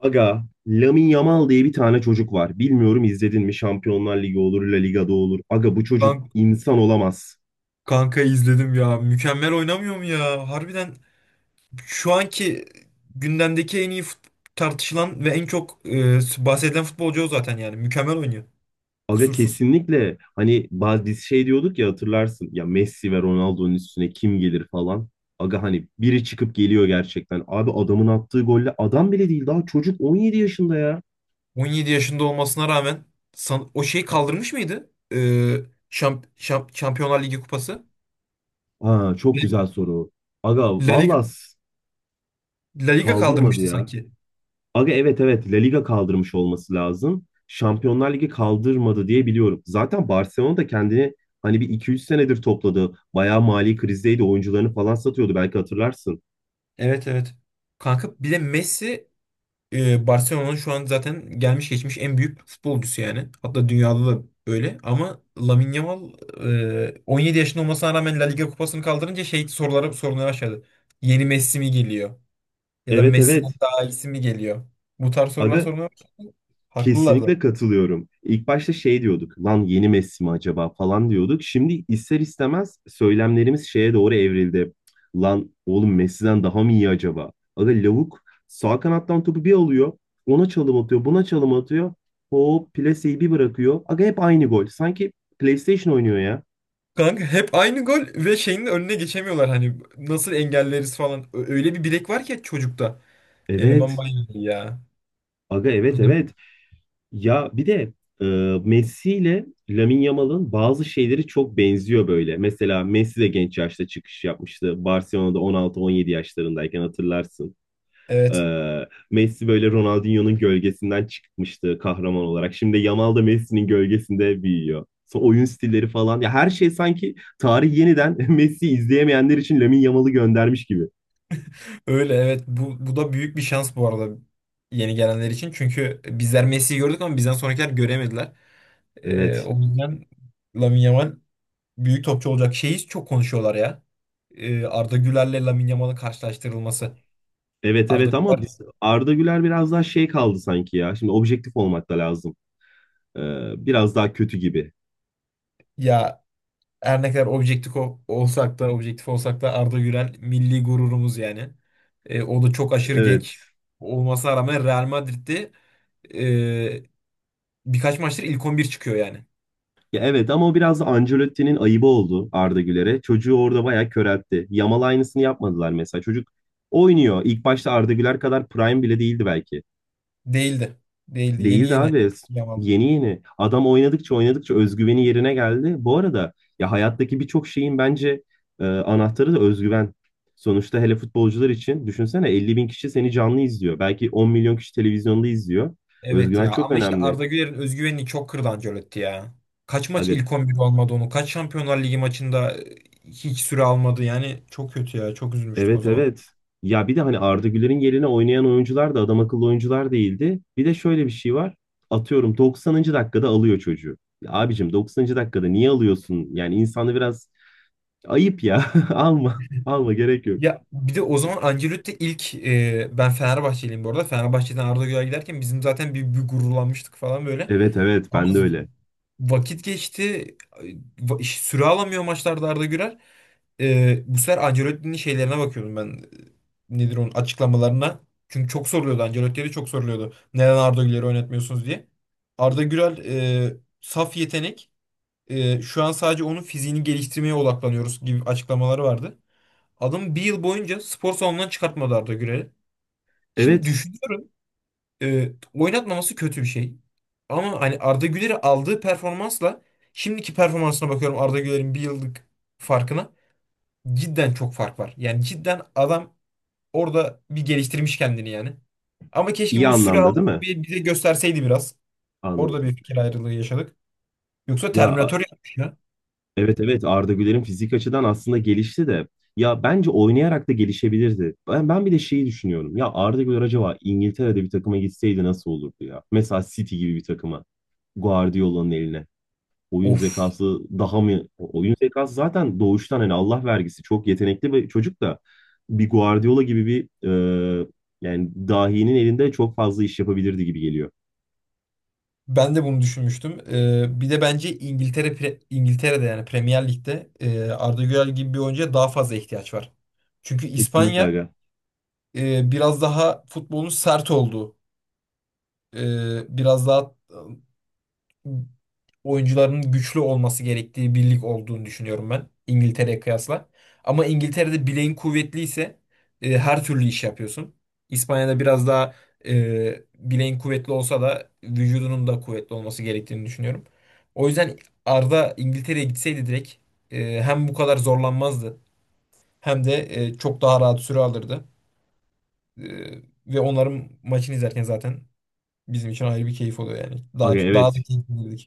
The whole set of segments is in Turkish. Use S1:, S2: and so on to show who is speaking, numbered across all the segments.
S1: Aga, Lamine Yamal diye bir tane çocuk var. Bilmiyorum izledin mi? Şampiyonlar Ligi olur, La Liga'da olur. Aga, bu çocuk
S2: Kan-
S1: insan olamaz.
S2: Kanka izledim ya. Mükemmel oynamıyor mu ya? Harbiden şu anki gündemdeki tartışılan ve en çok bahsedilen futbolcu o zaten yani. Mükemmel oynuyor.
S1: Aga,
S2: Kusursuz.
S1: kesinlikle. Hani bazı biz şey diyorduk ya, hatırlarsın. Ya Messi ve Ronaldo'nun üstüne kim gelir falan. Aga, hani biri çıkıp geliyor gerçekten. Abi, adamın attığı golle adam bile değil, daha çocuk, 17 yaşında ya.
S2: 17 yaşında olmasına rağmen o şeyi kaldırmış mıydı? Şampiyonlar Ligi kupası.
S1: Ha, çok güzel soru. Aga,
S2: La Liga,
S1: vallahi
S2: La Liga
S1: kaldırmadı
S2: kaldırmıştı
S1: ya.
S2: sanki.
S1: Aga, evet, evet, La Liga kaldırmış olması lazım. Şampiyonlar Ligi kaldırmadı diye biliyorum. Zaten Barcelona da kendini hani bir iki 3 senedir topladı. Bayağı mali krizdeydi. Oyuncularını falan satıyordu, belki hatırlarsın.
S2: Evet, evet. Kanka bir de Messi Barcelona'nın şu an zaten gelmiş geçmiş en büyük futbolcusu yani. Hatta dünyada da öyle. Ama Lamine Yamal, 17 yaşında olmasına rağmen La Liga kupasını kaldırınca şey, sorulara sormaya başladı. Yeni Messi mi geliyor? Ya da
S1: Evet,
S2: Messi'den
S1: evet.
S2: daha iyisi mi geliyor? Bu tarz sorular
S1: Aga,
S2: sormaya başladı. Haklılar da.
S1: kesinlikle katılıyorum. İlk başta şey diyorduk, lan yeni Messi mi acaba falan diyorduk. Şimdi ister istemez söylemlerimiz şeye doğru evrildi. Lan oğlum, Messi'den daha mı iyi acaba? Aga, lavuk sağ kanattan topu bir alıyor, ona çalım atıyor, buna çalım atıyor. Hop plaseyi bir bırakıyor. Aga, hep aynı gol. Sanki PlayStation oynuyor ya.
S2: Kanka hep aynı gol, ve şeyin de önüne geçemiyorlar hani, nasıl engelleriz falan. Öyle bir bilek var ki çocukta. Eleman
S1: Evet.
S2: bayağı iyi ya.
S1: Aga, evet, evet. Ya bir de e, Messi ile Lamine Yamal'ın bazı şeyleri çok benziyor böyle. Mesela Messi de genç yaşta çıkış yapmıştı. Barcelona'da 16-17 yaşlarındayken hatırlarsın. E,
S2: Evet.
S1: Messi böyle Ronaldinho'nun gölgesinden çıkmıştı kahraman olarak. Şimdi Yamal da Messi'nin gölgesinde büyüyor. Sonra oyun stilleri falan. Ya her şey sanki tarih yeniden Messi'yi izleyemeyenler için Lamine Yamal'ı göndermiş gibi.
S2: Öyle, evet, bu da büyük bir şans bu arada, yeni gelenler için. Çünkü bizler Messi'yi gördük ama bizden sonrakiler göremediler.
S1: Evet.
S2: O yüzden Lamine Yamal büyük topçu olacak. Şeyi çok konuşuyorlar ya. Arda Güler'le Lamine Yamal'ın karşılaştırılması.
S1: Evet,
S2: Arda
S1: evet, ama
S2: Güler
S1: biz Arda Güler biraz daha şey kaldı sanki ya. Şimdi objektif olmak da lazım. Biraz daha kötü gibi.
S2: ya, her ne kadar olsak da, objektif olsak da, Arda Güler milli gururumuz yani. O da çok aşırı genç
S1: Evet.
S2: olmasına rağmen Real Madrid'de e, birkaç maçtır ilk 11 çıkıyor yani.
S1: Ya evet, ama o biraz da Ancelotti'nin ayıbı oldu Arda Güler'e. Çocuğu orada bayağı köreltti. Yamal aynısını yapmadılar mesela. Çocuk oynuyor. İlk başta Arda Güler kadar prime bile değildi belki.
S2: Değildi. Değildi. Yeni
S1: Değildi
S2: yeni.
S1: abi.
S2: Yamal.
S1: Yeni yeni. Adam oynadıkça oynadıkça özgüveni yerine geldi. Bu arada ya, hayattaki birçok şeyin bence anahtarı da özgüven. Sonuçta, hele futbolcular için, düşünsene, 50.000 kişi seni canlı izliyor. Belki 10.000.000 kişi televizyonda izliyor.
S2: Evet
S1: Özgüven
S2: ya,
S1: çok
S2: ama işte
S1: önemli.
S2: Arda Güler'in özgüvenini çok kırdı Ancelotti ya. Kaç maç
S1: Aga,
S2: ilk 11 olmadı onu. Kaç Şampiyonlar Ligi maçında hiç süre almadı. Yani çok kötü ya. Çok üzülmüştük o
S1: evet,
S2: zaman.
S1: evet. Ya bir de hani Arda Güler'in yerine oynayan oyuncular da adam akıllı oyuncular değildi. Bir de şöyle bir şey var. Atıyorum, 90. dakikada alıyor çocuğu. Ya abicim, 90. dakikada niye alıyorsun? Yani insanı biraz. Ayıp ya. Alma. Alma, gerek yok.
S2: Ya bir de o zaman Ancelotti ben Fenerbahçeliyim bu arada. Fenerbahçe'den Arda Güler giderken bizim zaten bir gururlanmıştık falan böyle.
S1: Evet, evet,
S2: Ama
S1: ben de öyle.
S2: vakit geçti. Süre alamıyor maçlarda Arda Güler. Bu sefer Ancelotti'nin şeylerine bakıyordum ben. Nedir onun açıklamalarına. Çünkü çok soruluyordu. Ancelotti'ye de çok soruluyordu. Neden Arda Güler'i oynatmıyorsunuz diye. Arda Güler saf yetenek. E, şu an sadece onun fiziğini geliştirmeye odaklanıyoruz gibi açıklamaları vardı. Adam bir yıl boyunca spor salonundan çıkartmadı Arda Güler'i. Şimdi
S1: Evet,
S2: düşünüyorum oynatmaması kötü bir şey. Ama hani Arda Güler'i aldığı performansla şimdiki performansına bakıyorum, Arda Güler'in bir yıllık farkına, cidden çok fark var. Yani cidden adam orada bir geliştirmiş kendini yani. Ama keşke
S1: iyi
S2: bunu süre
S1: anlamda
S2: alıp
S1: değil mi?
S2: bize gösterseydi biraz. Orada
S1: Anladım.
S2: bir fikir ayrılığı yaşadık. Yoksa
S1: Ya a-
S2: Terminator yapmış ya.
S1: evet, evet, Arda Güler'in fizik açıdan aslında gelişti de ya, bence oynayarak da gelişebilirdi. Ben bir de şeyi düşünüyorum. Ya Arda Güler acaba İngiltere'de bir takıma gitseydi nasıl olurdu ya? Mesela City gibi bir takıma. Guardiola'nın eline. Oyun
S2: Of.
S1: zekası daha mı? Oyun zekası zaten doğuştan, hani Allah vergisi, çok yetenekli bir çocuk da bir Guardiola gibi bir e, yani dahinin elinde çok fazla iş yapabilirdi gibi geliyor.
S2: Ben de bunu düşünmüştüm. Bir de bence İngiltere'de, yani Premier Lig'de, Arda Güler gibi bir oyuncuya daha fazla ihtiyaç var. Çünkü
S1: Kesinlikle
S2: İspanya
S1: aga.
S2: biraz daha futbolun sert olduğu, biraz daha oyuncuların güçlü olması gerektiği bir lig olduğunu düşünüyorum ben, İngiltere'ye kıyasla. Ama İngiltere'de bileğin kuvvetliyse her türlü iş yapıyorsun. İspanya'da biraz daha, bileğin kuvvetli olsa da vücudunun da kuvvetli olması gerektiğini düşünüyorum. O yüzden Arda İngiltere'ye gitseydi direkt, hem bu kadar zorlanmazdı hem de çok daha rahat süre alırdı. E, ve onların maçını izlerken zaten bizim için ayrı bir keyif oluyor yani.
S1: Aga,
S2: Daha da
S1: evet.
S2: keyif alırdık.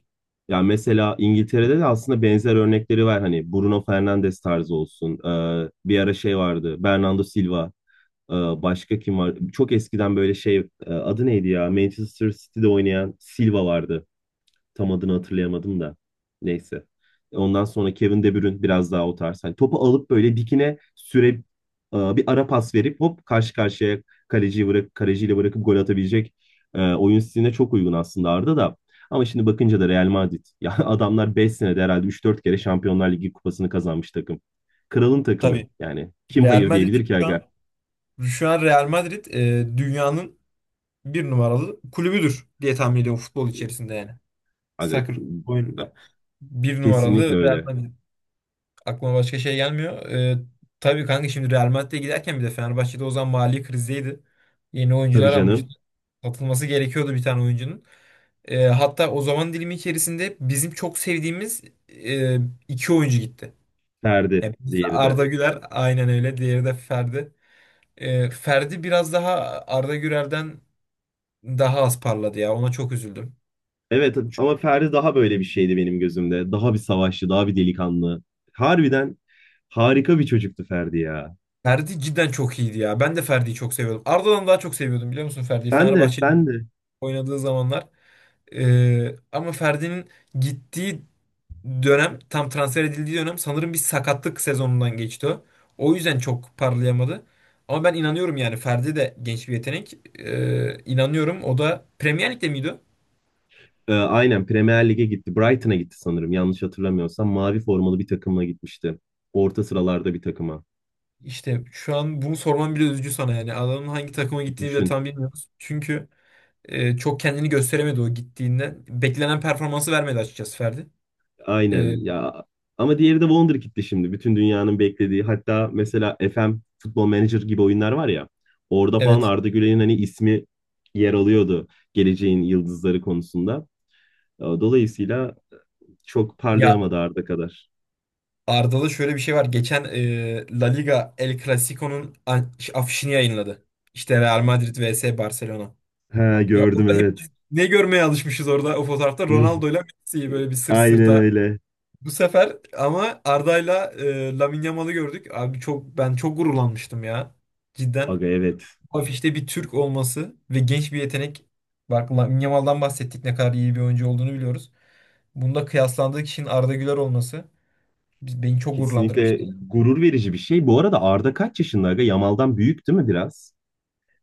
S1: Ya mesela İngiltere'de de aslında benzer örnekleri var. Hani Bruno Fernandes tarzı olsun. E, bir ara şey vardı. Bernardo Silva. E, başka kim var? Çok eskiden böyle şey adı neydi ya? Manchester City'de oynayan Silva vardı. Tam adını hatırlayamadım da. Neyse. Ondan sonra Kevin De Bruyne biraz daha o tarz. Hani topu alıp böyle dikine süre bir ara pas verip hop karşı karşıya, kaleciyi bırak, kaleciyle bırakıp gol atabilecek oyun stiline çok uygun aslında Arda da. Ama şimdi bakınca da Real Madrid. Ya adamlar 5 senede herhalde üç dört kere Şampiyonlar Ligi kupasını kazanmış takım. Kralın takımı
S2: Tabii.
S1: yani. Kim
S2: Real
S1: hayır
S2: Madrid
S1: diyebilir ki
S2: şu an
S1: aga?
S2: Şu an Real Madrid dünyanın bir numaralı kulübüdür diye tahmin ediyorum, futbol içerisinde yani.
S1: Aga,
S2: Soccer oyununda. Bir
S1: kesinlikle
S2: numaralı Real
S1: öyle.
S2: Madrid. Aklıma başka şey gelmiyor. Tabii kanka, şimdi Real Madrid'e giderken bir de Fenerbahçe'de o zaman mali krizdeydi. Yeni
S1: Tabii
S2: oyuncular almıştı.
S1: canım.
S2: Satılması gerekiyordu bir tane oyuncunun. E, hatta o zaman dilimi içerisinde bizim çok sevdiğimiz e, iki oyuncu gitti.
S1: Ferdi,
S2: Yani birisi
S1: diğeri de.
S2: Arda Güler, aynen öyle. Diğeri de Ferdi. E, Ferdi biraz daha Arda Güler'den daha az parladı ya. Ona çok üzüldüm.
S1: Evet, ama Ferdi daha böyle bir şeydi benim gözümde. Daha bir savaşçı, daha bir delikanlı. Harbiden harika bir çocuktu Ferdi ya.
S2: Ferdi cidden çok iyiydi ya. Ben de Ferdi'yi çok seviyordum. Arda'dan daha çok seviyordum, biliyor musun Ferdi'yi?
S1: Ben de,
S2: Fenerbahçe'de
S1: ben de.
S2: oynadığı zamanlar. Ama Ferdi'nin gittiği dönem, tam transfer edildiği dönem, sanırım bir sakatlık sezonundan geçti o. O yüzden çok parlayamadı. Ama ben inanıyorum yani, Ferdi de genç bir yetenek. İnanıyorum. O da Premier Lig'de miydi o?
S1: E, aynen Premier Lig'e gitti. Brighton'a gitti sanırım, yanlış hatırlamıyorsam. Mavi formalı bir takımla gitmişti. Orta sıralarda bir takıma.
S2: İşte şu an bunu sormam bile üzücü sana yani. Adamın hangi takıma gittiğini bile
S1: Düşün.
S2: tam bilmiyoruz. Çünkü çok kendini gösteremedi o gittiğinde. Beklenen performansı vermedi açıkçası Ferdi. E,
S1: Aynen ya. Ama diğeri de Wonderkid'ti şimdi. Bütün dünyanın beklediği. Hatta mesela FM, Football Manager gibi oyunlar var ya. Orada falan
S2: evet.
S1: Arda Güler'in hani ismi yer alıyordu geleceğin yıldızları konusunda. E, dolayısıyla çok
S2: Ya
S1: parlayamadı Arda kadar.
S2: Arda'da şöyle bir şey var. Geçen La Liga El Clasico'nun afişini yayınladı. İşte Real Madrid vs Barcelona.
S1: Ha,
S2: Ya
S1: gördüm,
S2: orada hep
S1: evet.
S2: biz ne görmeye alışmışız, orada o fotoğrafta
S1: Rrr,
S2: Ronaldo ile Messi'yi, böyle bir sırt
S1: aynen
S2: sırta.
S1: öyle.
S2: Bu sefer ama Arda'yla Lamine Yamal'ı gördük. Abi ben çok gururlanmıştım ya. Cidden.
S1: Aga, evet.
S2: Afişte bir Türk olması ve genç bir yetenek. Bak, Lamine Yamal'dan bahsettik, ne kadar iyi bir oyuncu olduğunu biliyoruz. Bunda kıyaslandığı kişinin Arda Güler olması beni çok
S1: Kesinlikle
S2: gururlandırmıştı.
S1: gurur verici bir şey. Bu arada Arda kaç yaşında aga? Yamal'dan büyük değil mi biraz?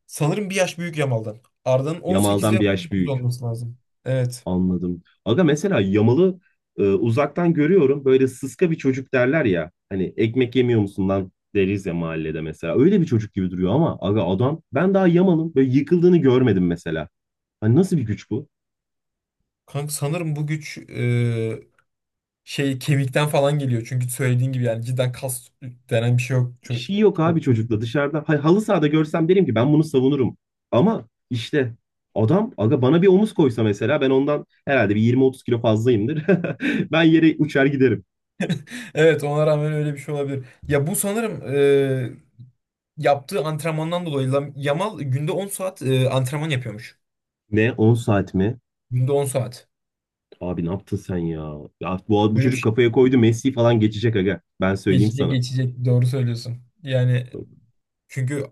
S2: Sanırım bir yaş büyük Yamal'dan. Arda'nın 18
S1: Yamal'dan
S2: veya
S1: bir yaş
S2: 19
S1: büyük.
S2: olması lazım. Evet.
S1: Anladım. Aga, mesela Yamal'ı uzaktan görüyorum. Böyle sıska bir çocuk derler ya. Hani ekmek yemiyor musun lan deriz ya mahallede, mesela. Öyle bir çocuk gibi duruyor ama aga, adam, ben daha Yamal'ın böyle yıkıldığını görmedim mesela. Hani nasıl bir güç bu?
S2: Kanka sanırım bu güç, şey, kemikten falan geliyor. Çünkü söylediğin gibi yani, cidden kas denen bir şey yok.
S1: Bir şey yok abi
S2: Çok çocuk.
S1: çocukla dışarıda. Hay, halı sahada görsem derim ki ben bunu savunurum. Ama işte adam, aga, bana bir omuz koysa mesela, ben ondan herhalde bir 20-30 kilo fazlayımdır. Ben yere uçar giderim.
S2: Evet, ona rağmen öyle bir şey olabilir. Ya bu sanırım e, yaptığı antrenmandan dolayı Yamal günde 10 saat antrenman yapıyormuş.
S1: Ne, 10 saat mi?
S2: Günde 10 saat.
S1: Abi, ne yaptın sen ya? Ya bu
S2: Böyle bir
S1: çocuk
S2: şey.
S1: kafaya koydu, Messi falan geçecek aga. Ben söyleyeyim
S2: Geçecek,
S1: sana.
S2: geçecek. Doğru söylüyorsun. Yani çünkü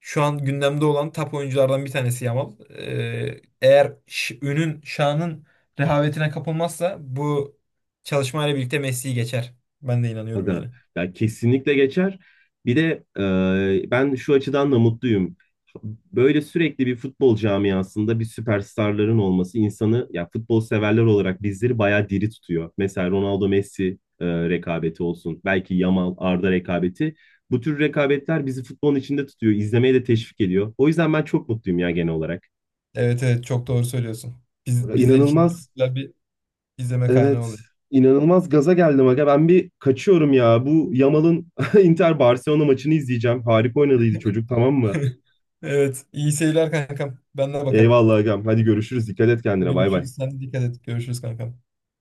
S2: şu an gündemde olan top oyunculardan bir tanesi Yamal. Eğer ünün, şanın rehavetine kapılmazsa, bu çalışmayla birlikte Messi'yi geçer. Ben de inanıyorum
S1: Aga,
S2: yani.
S1: ya kesinlikle geçer. Bir de ben şu açıdan da mutluyum. Böyle sürekli bir futbol camiasında bir süperstarların olması insanı, ya futbol severler olarak bizleri bayağı diri tutuyor. Mesela Ronaldo Messi rekabeti olsun. Belki Yamal Arda rekabeti. Bu tür rekabetler bizi futbolun içinde tutuyor, izlemeye de teşvik ediyor. O yüzden ben çok mutluyum ya, genel olarak.
S2: Evet, evet, çok doğru söylüyorsun.
S1: Aga,
S2: Bizler için çok
S1: İnanılmaz
S2: güzel bir izleme kaynağı
S1: Evet.
S2: oluyor.
S1: inanılmaz gaza geldim aga. Ben bir kaçıyorum ya. Bu Yamal'ın Inter Barcelona maçını izleyeceğim. Harika oynadıydı çocuk, tamam mı?
S2: Evet, iyi seyirler kankam. Ben de bakarım.
S1: Eyvallah agam. Hadi görüşürüz. Dikkat et kendine. Bay bay.
S2: Görüşürüz. Sen de dikkat et. Görüşürüz kankam.